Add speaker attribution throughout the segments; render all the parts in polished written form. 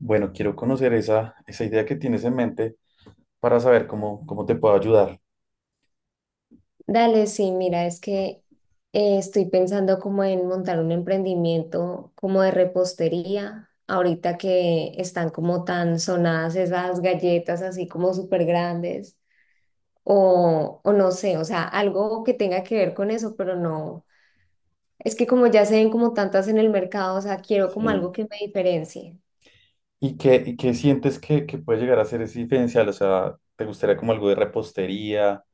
Speaker 1: Bueno, quiero conocer esa idea que tienes en mente para saber cómo te puedo ayudar.
Speaker 2: Dale, sí, mira, es que estoy pensando como en montar un emprendimiento como de repostería, ahorita que están como tan sonadas esas galletas así como súper grandes, o no sé, o sea, algo que tenga que ver con eso, pero no, es que como ya se ven como tantas en el mercado, o sea, quiero como algo
Speaker 1: Sí.
Speaker 2: que me diferencie.
Speaker 1: ¿Y qué sientes que puede llegar a ser ese diferencial? O sea, ¿te gustaría como algo de repostería?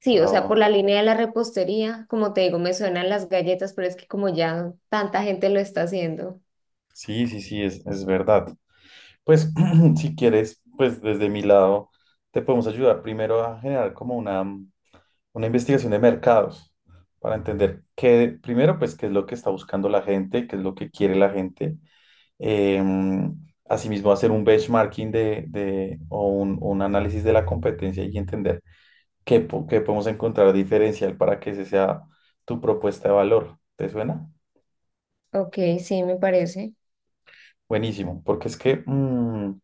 Speaker 2: Sí, o sea,
Speaker 1: Ah,
Speaker 2: por la línea de la repostería, como te digo, me suenan las galletas, pero es que como ya tanta gente lo está haciendo.
Speaker 1: sí, sí, sí, es verdad. Pues si quieres, pues desde mi lado te podemos ayudar primero a generar como una investigación de mercados para entender primero, pues qué es lo que está buscando la gente, qué es lo que quiere la gente. Em, asimismo, hacer un benchmarking o un análisis de la competencia y entender qué podemos encontrar diferencial para que ese sea tu propuesta de valor. ¿Te suena?
Speaker 2: Ok, sí, me parece.
Speaker 1: Buenísimo, porque es que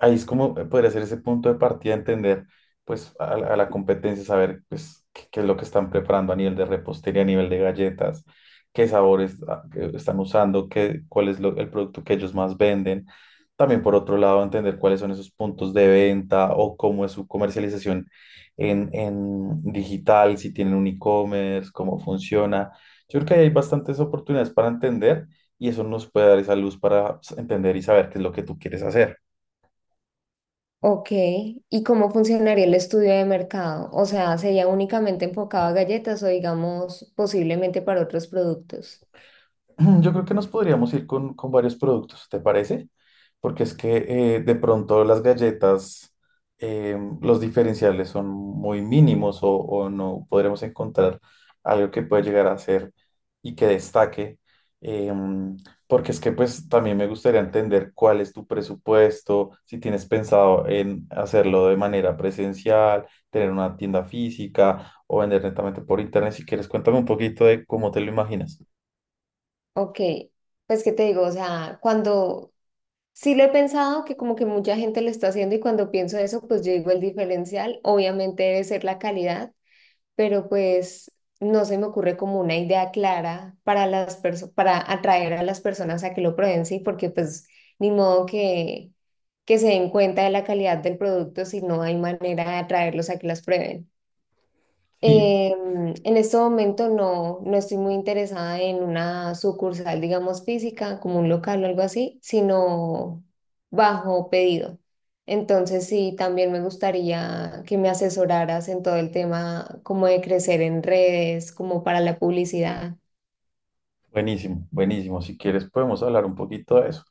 Speaker 1: ahí es como poder hacer ese punto de partida, entender pues a la competencia, saber pues qué es lo que están preparando a nivel de repostería, a nivel de galletas, qué sabores que están usando, cuál es el producto que ellos más venden. También por otro lado, entender cuáles son esos puntos de venta o cómo es su comercialización en digital, si tienen un e-commerce, cómo funciona. Yo creo que ahí hay bastantes oportunidades para entender y eso nos puede dar esa luz para entender y saber qué es lo que tú quieres hacer.
Speaker 2: Ok, ¿y cómo funcionaría el estudio de mercado? O sea, ¿sería únicamente enfocado a galletas o digamos posiblemente para otros productos?
Speaker 1: Yo creo que nos podríamos ir con varios productos, ¿te parece? Porque es que de pronto las galletas, los diferenciales son muy mínimos o no podremos encontrar algo que pueda llegar a ser y que destaque. em, porque es que pues también me gustaría entender cuál es tu presupuesto, si tienes pensado en hacerlo de manera presencial, tener una tienda física o vender netamente por internet. Si quieres, cuéntame un poquito de cómo te lo imaginas.
Speaker 2: Ok, pues qué te digo, o sea, cuando sí lo he pensado que como que mucha gente lo está haciendo y cuando pienso eso, pues yo digo el diferencial obviamente debe ser la calidad, pero pues no se me ocurre como una idea clara para para atraer a las personas a que lo prueben, sí, porque pues ni modo que se den cuenta de la calidad del producto si no hay manera de atraerlos a que las prueben.
Speaker 1: Sí.
Speaker 2: En este momento no estoy muy interesada en una sucursal, digamos, física, como un local o algo así, sino bajo pedido. Entonces, sí, también me gustaría que me asesoraras en todo el tema como de crecer en redes, como para la publicidad.
Speaker 1: Buenísimo, buenísimo. Si quieres, podemos hablar un poquito de eso.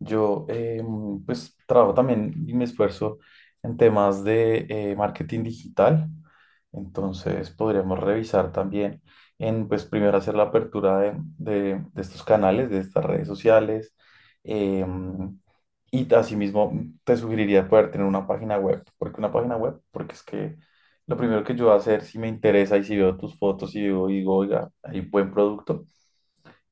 Speaker 1: Yo, pues, trabajo también y me esfuerzo en temas de marketing digital. Entonces, podríamos revisar también pues, primero hacer la apertura de estos canales, de estas redes sociales. eh, y asimismo, te sugeriría poder tener una página web. ¿Por qué una página web? Porque es que lo primero que yo voy a hacer, si me interesa y si veo tus fotos y digo, oiga, hay buen producto.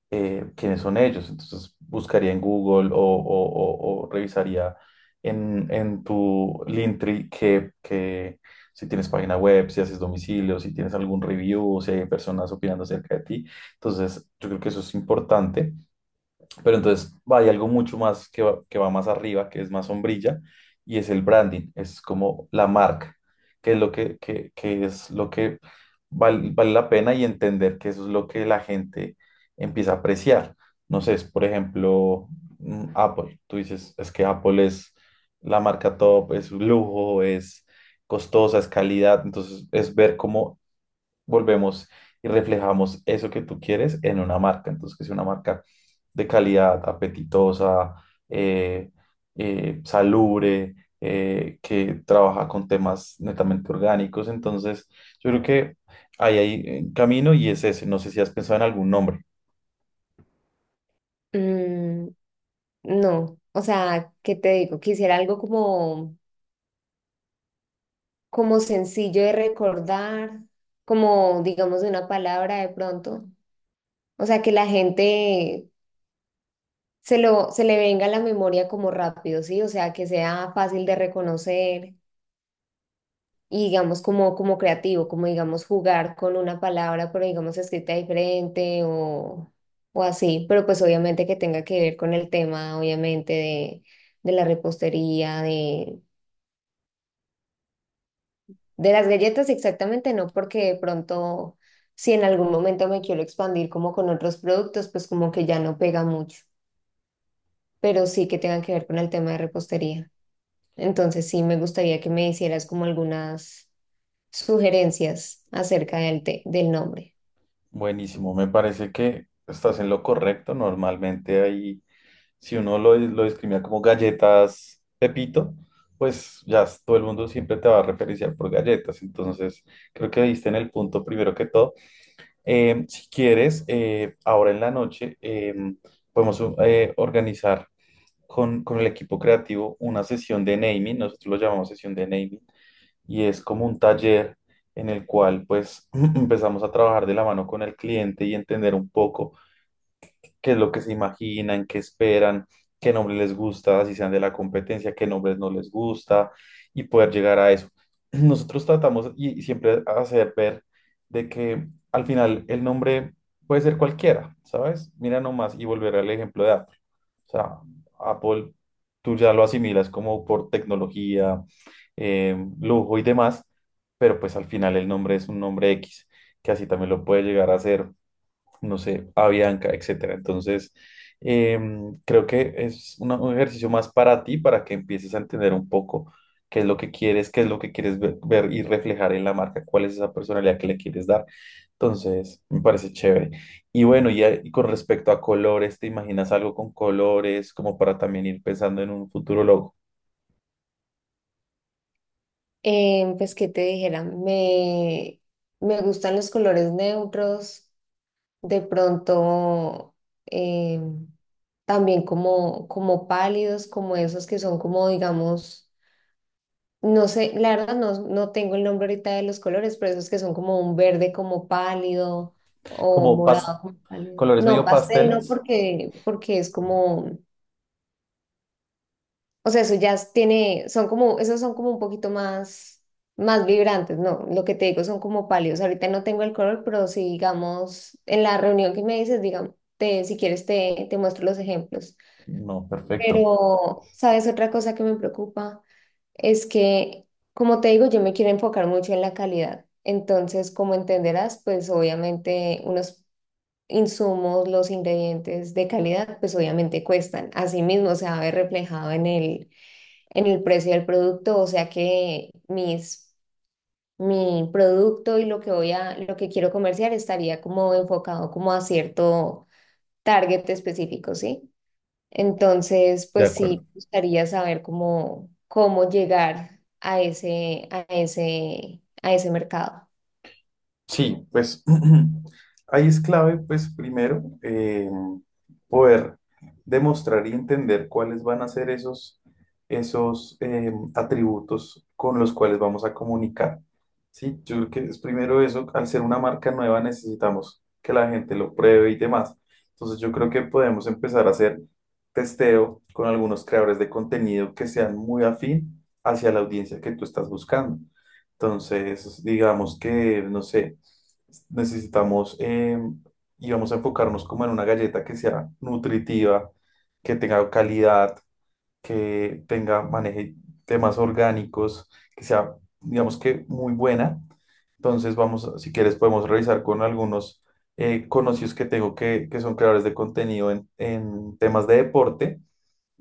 Speaker 1: ¿Quiénes son ellos? Entonces buscaría en Google o revisaría en tu Linktree que si tienes página web, si haces domicilio, si tienes algún review, si hay personas opinando acerca de ti. Entonces yo creo que eso es importante. Pero entonces hay algo mucho más que va más arriba, que es más sombrilla, y es el branding, es como la marca, que es lo que es lo que vale la pena y entender que eso es lo que la gente empieza a apreciar. No sé, por ejemplo, Apple. Tú dices, es que Apple es la marca top, es un lujo, es costosa, es calidad. Entonces es ver cómo volvemos y reflejamos eso que tú quieres en una marca. Entonces, que sea una marca de calidad, apetitosa, eh, salubre, que trabaja con temas netamente orgánicos. Entonces, yo creo que ahí hay camino y es ese. No sé si has pensado en algún nombre.
Speaker 2: Mm, no, o sea, ¿qué te digo? Quisiera algo como, como sencillo de recordar, como digamos de una palabra de pronto. O sea, que la gente se le venga a la memoria como rápido, ¿sí? O sea, que sea fácil de reconocer y digamos como, como creativo, como digamos jugar con una palabra, pero digamos escrita diferente o así, pero pues obviamente que tenga que ver con el tema, obviamente, de la repostería, de las galletas exactamente, no porque de pronto... Si en algún momento me quiero expandir como con otros productos, pues como que ya no pega mucho, pero sí que tenga que ver con el tema de repostería. Entonces sí me gustaría que me hicieras como algunas sugerencias acerca del nombre.
Speaker 1: Buenísimo, me parece que estás en lo correcto. Normalmente hay si uno lo discrimina como galletas Pepito, pues todo el mundo siempre te va a referenciar por galletas. Entonces, creo que diste en el punto primero que todo. Si quieres, ahora en la noche podemos organizar con el equipo creativo una sesión de naming, nosotros lo llamamos sesión de naming, y es como un taller en el cual pues empezamos a trabajar de la mano con el cliente y entender un poco qué es lo que se imaginan, qué esperan, qué nombre les gusta, si sean de la competencia, qué nombres no les gusta y poder llegar a eso. Nosotros tratamos y siempre hacer ver de que al final el nombre puede ser cualquiera, ¿sabes? Mira nomás y volver al ejemplo de Apple. O sea, Apple, tú ya lo asimilas como por tecnología, lujo y demás, pero pues al final el nombre es un nombre X, que así también lo puede llegar a ser no sé, Avianca, etcétera. Entonces, creo que es un ejercicio más para ti, para que empieces a entender un poco qué es lo que quieres, qué es lo que quieres ver y reflejar en la marca, cuál es esa personalidad que le quieres dar. Entonces, me parece chévere. Y bueno, y con respecto a colores, ¿te imaginas algo con colores, como para también ir pensando en un futuro logo?
Speaker 2: Pues qué te dijera, me gustan los colores neutros, de pronto eh, también como, como pálidos, como esos que son como digamos, no sé, la verdad no tengo el nombre ahorita de los colores, pero esos que son como un verde como pálido o
Speaker 1: Como pas-
Speaker 2: morado como pálido.
Speaker 1: colores
Speaker 2: No,
Speaker 1: medio
Speaker 2: pastel
Speaker 1: pasteles.
Speaker 2: no, porque es como... O sea, eso ya tiene, son como, esos son como un poquito más, más vibrantes, ¿no? Lo que te digo son como pálidos. Ahorita no tengo el color, pero si digamos, en la reunión que me dices, digamos, te, si quieres te muestro los ejemplos.
Speaker 1: No, perfecto.
Speaker 2: Pero, ¿sabes? Otra cosa que me preocupa es que, como te digo, yo me quiero enfocar mucho en la calidad. Entonces, como entenderás, pues obviamente unos insumos, los ingredientes de calidad, pues obviamente cuestan. Así mismo se va a ver reflejado en el precio del producto, o sea que mi producto y lo que voy lo que quiero comerciar estaría como enfocado como a cierto target específico, ¿sí? Entonces,
Speaker 1: De
Speaker 2: pues
Speaker 1: acuerdo.
Speaker 2: sí, me gustaría saber cómo, cómo llegar a ese, a ese, a ese mercado.
Speaker 1: Sí, pues ahí es clave, pues primero, poder demostrar y entender cuáles van a ser esos atributos con los cuales vamos a comunicar. Sí, yo creo que es primero eso, al ser una marca nueva necesitamos que la gente lo pruebe y demás. Entonces yo creo que podemos empezar a hacer testeo con algunos creadores de contenido que sean muy afín hacia la audiencia que tú estás buscando. Entonces, digamos que, no sé, necesitamos y vamos a enfocarnos como en una galleta que sea nutritiva, que tenga calidad, maneje temas orgánicos, que sea, digamos que muy buena entonces, vamos, si quieres, podemos revisar con algunos conocidos que tengo que son creadores de contenido en temas de deporte.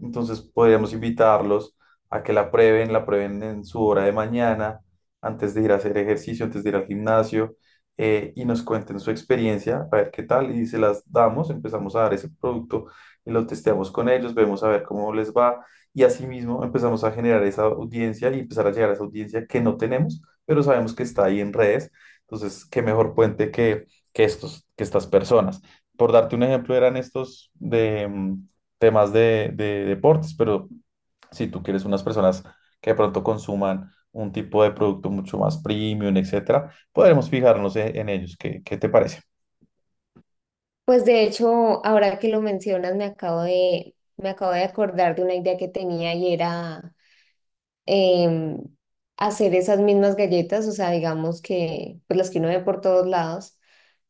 Speaker 1: Entonces, podríamos invitarlos a que la prueben en su hora de mañana, antes de ir a hacer ejercicio, antes de ir al gimnasio, y nos cuenten su experiencia, a ver qué tal, y se las damos, empezamos a dar ese producto y lo testeamos con ellos, vemos a ver cómo les va, y asimismo empezamos a generar esa audiencia y empezar a llegar a esa audiencia que no tenemos pero sabemos que está ahí en redes. Entonces, qué mejor puente que estas personas. Por darte un ejemplo, eran estos de temas de deportes, pero si tú quieres unas personas que de pronto consuman un tipo de producto mucho más premium, etcétera, podremos fijarnos en ellos. ¿Qué te parece?
Speaker 2: Pues de hecho, ahora que lo mencionas, me acabo de acordar de una idea que tenía y era em, hacer esas mismas galletas, o sea, digamos que, pues las que uno ve por todos lados,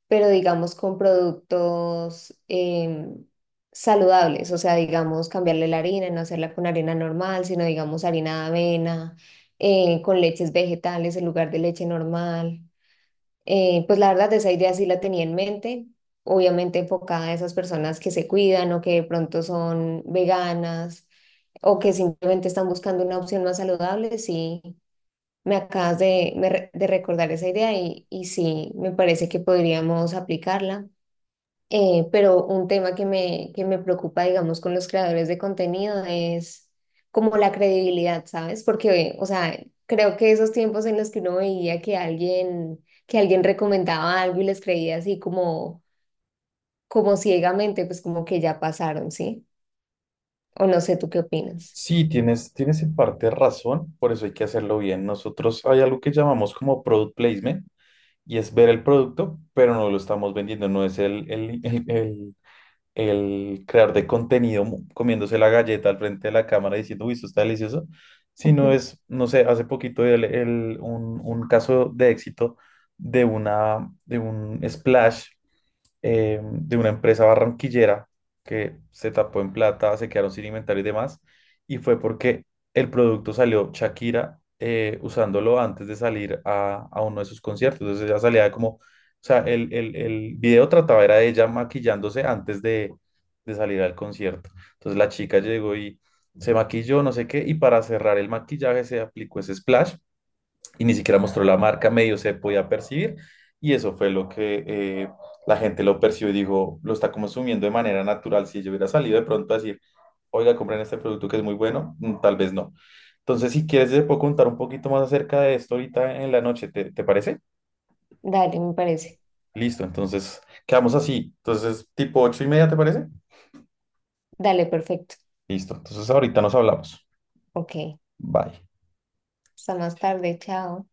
Speaker 2: pero digamos con productos saludables, o sea, digamos cambiarle la harina, no hacerla con harina normal, sino digamos harina de avena, con leches vegetales en lugar de leche normal. Pues la verdad, esa idea sí la tenía en mente, obviamente enfocada a esas personas que se cuidan o que de pronto son veganas o que simplemente están buscando una opción más saludable. Sí, me acabas de, me re- de recordar esa idea y sí, me parece que podríamos aplicarla. Pero un tema que que me preocupa, digamos, con los creadores de contenido es como la credibilidad, ¿sabes? Porque, o sea, creo que esos tiempos en los que uno veía que alguien recomendaba algo y les creía así como, como ciegamente, pues como que ya pasaron, ¿sí? O no sé, ¿tú qué opinas?
Speaker 1: Sí, tienes en parte razón, por eso hay que hacerlo bien. Nosotros hay algo que llamamos como product placement y es ver el producto, pero no lo estamos vendiendo, no es el creador de contenido comiéndose la galleta al frente de la cámara diciendo, uy, esto está delicioso, sino es, no sé, hace poquito un caso de éxito de un splash de una empresa barranquillera que se tapó en plata, se quedaron sin inventario y demás, y fue porque el producto salió Shakira usándolo antes de salir a uno de sus conciertos, entonces ella salía como, o sea, el video trataba era de ella maquillándose antes de salir al concierto, entonces la chica llegó y se maquilló, no sé qué, y para cerrar el maquillaje se aplicó ese splash y ni siquiera mostró la marca, medio se podía percibir y eso fue lo que la gente lo percibió y dijo, lo está consumiendo de manera natural. Si yo hubiera salido de pronto a decir, oiga, compren este producto que es muy bueno, tal vez no. Entonces, si quieres, te puedo contar un poquito más acerca de esto ahorita en la noche, ¿te parece?
Speaker 2: Dale, me parece.
Speaker 1: Listo, entonces quedamos así. Entonces, tipo 8:30, ¿te parece?
Speaker 2: Dale, perfecto.
Speaker 1: Listo, entonces ahorita nos hablamos.
Speaker 2: Ok.
Speaker 1: Bye.
Speaker 2: Hasta más tarde, chao.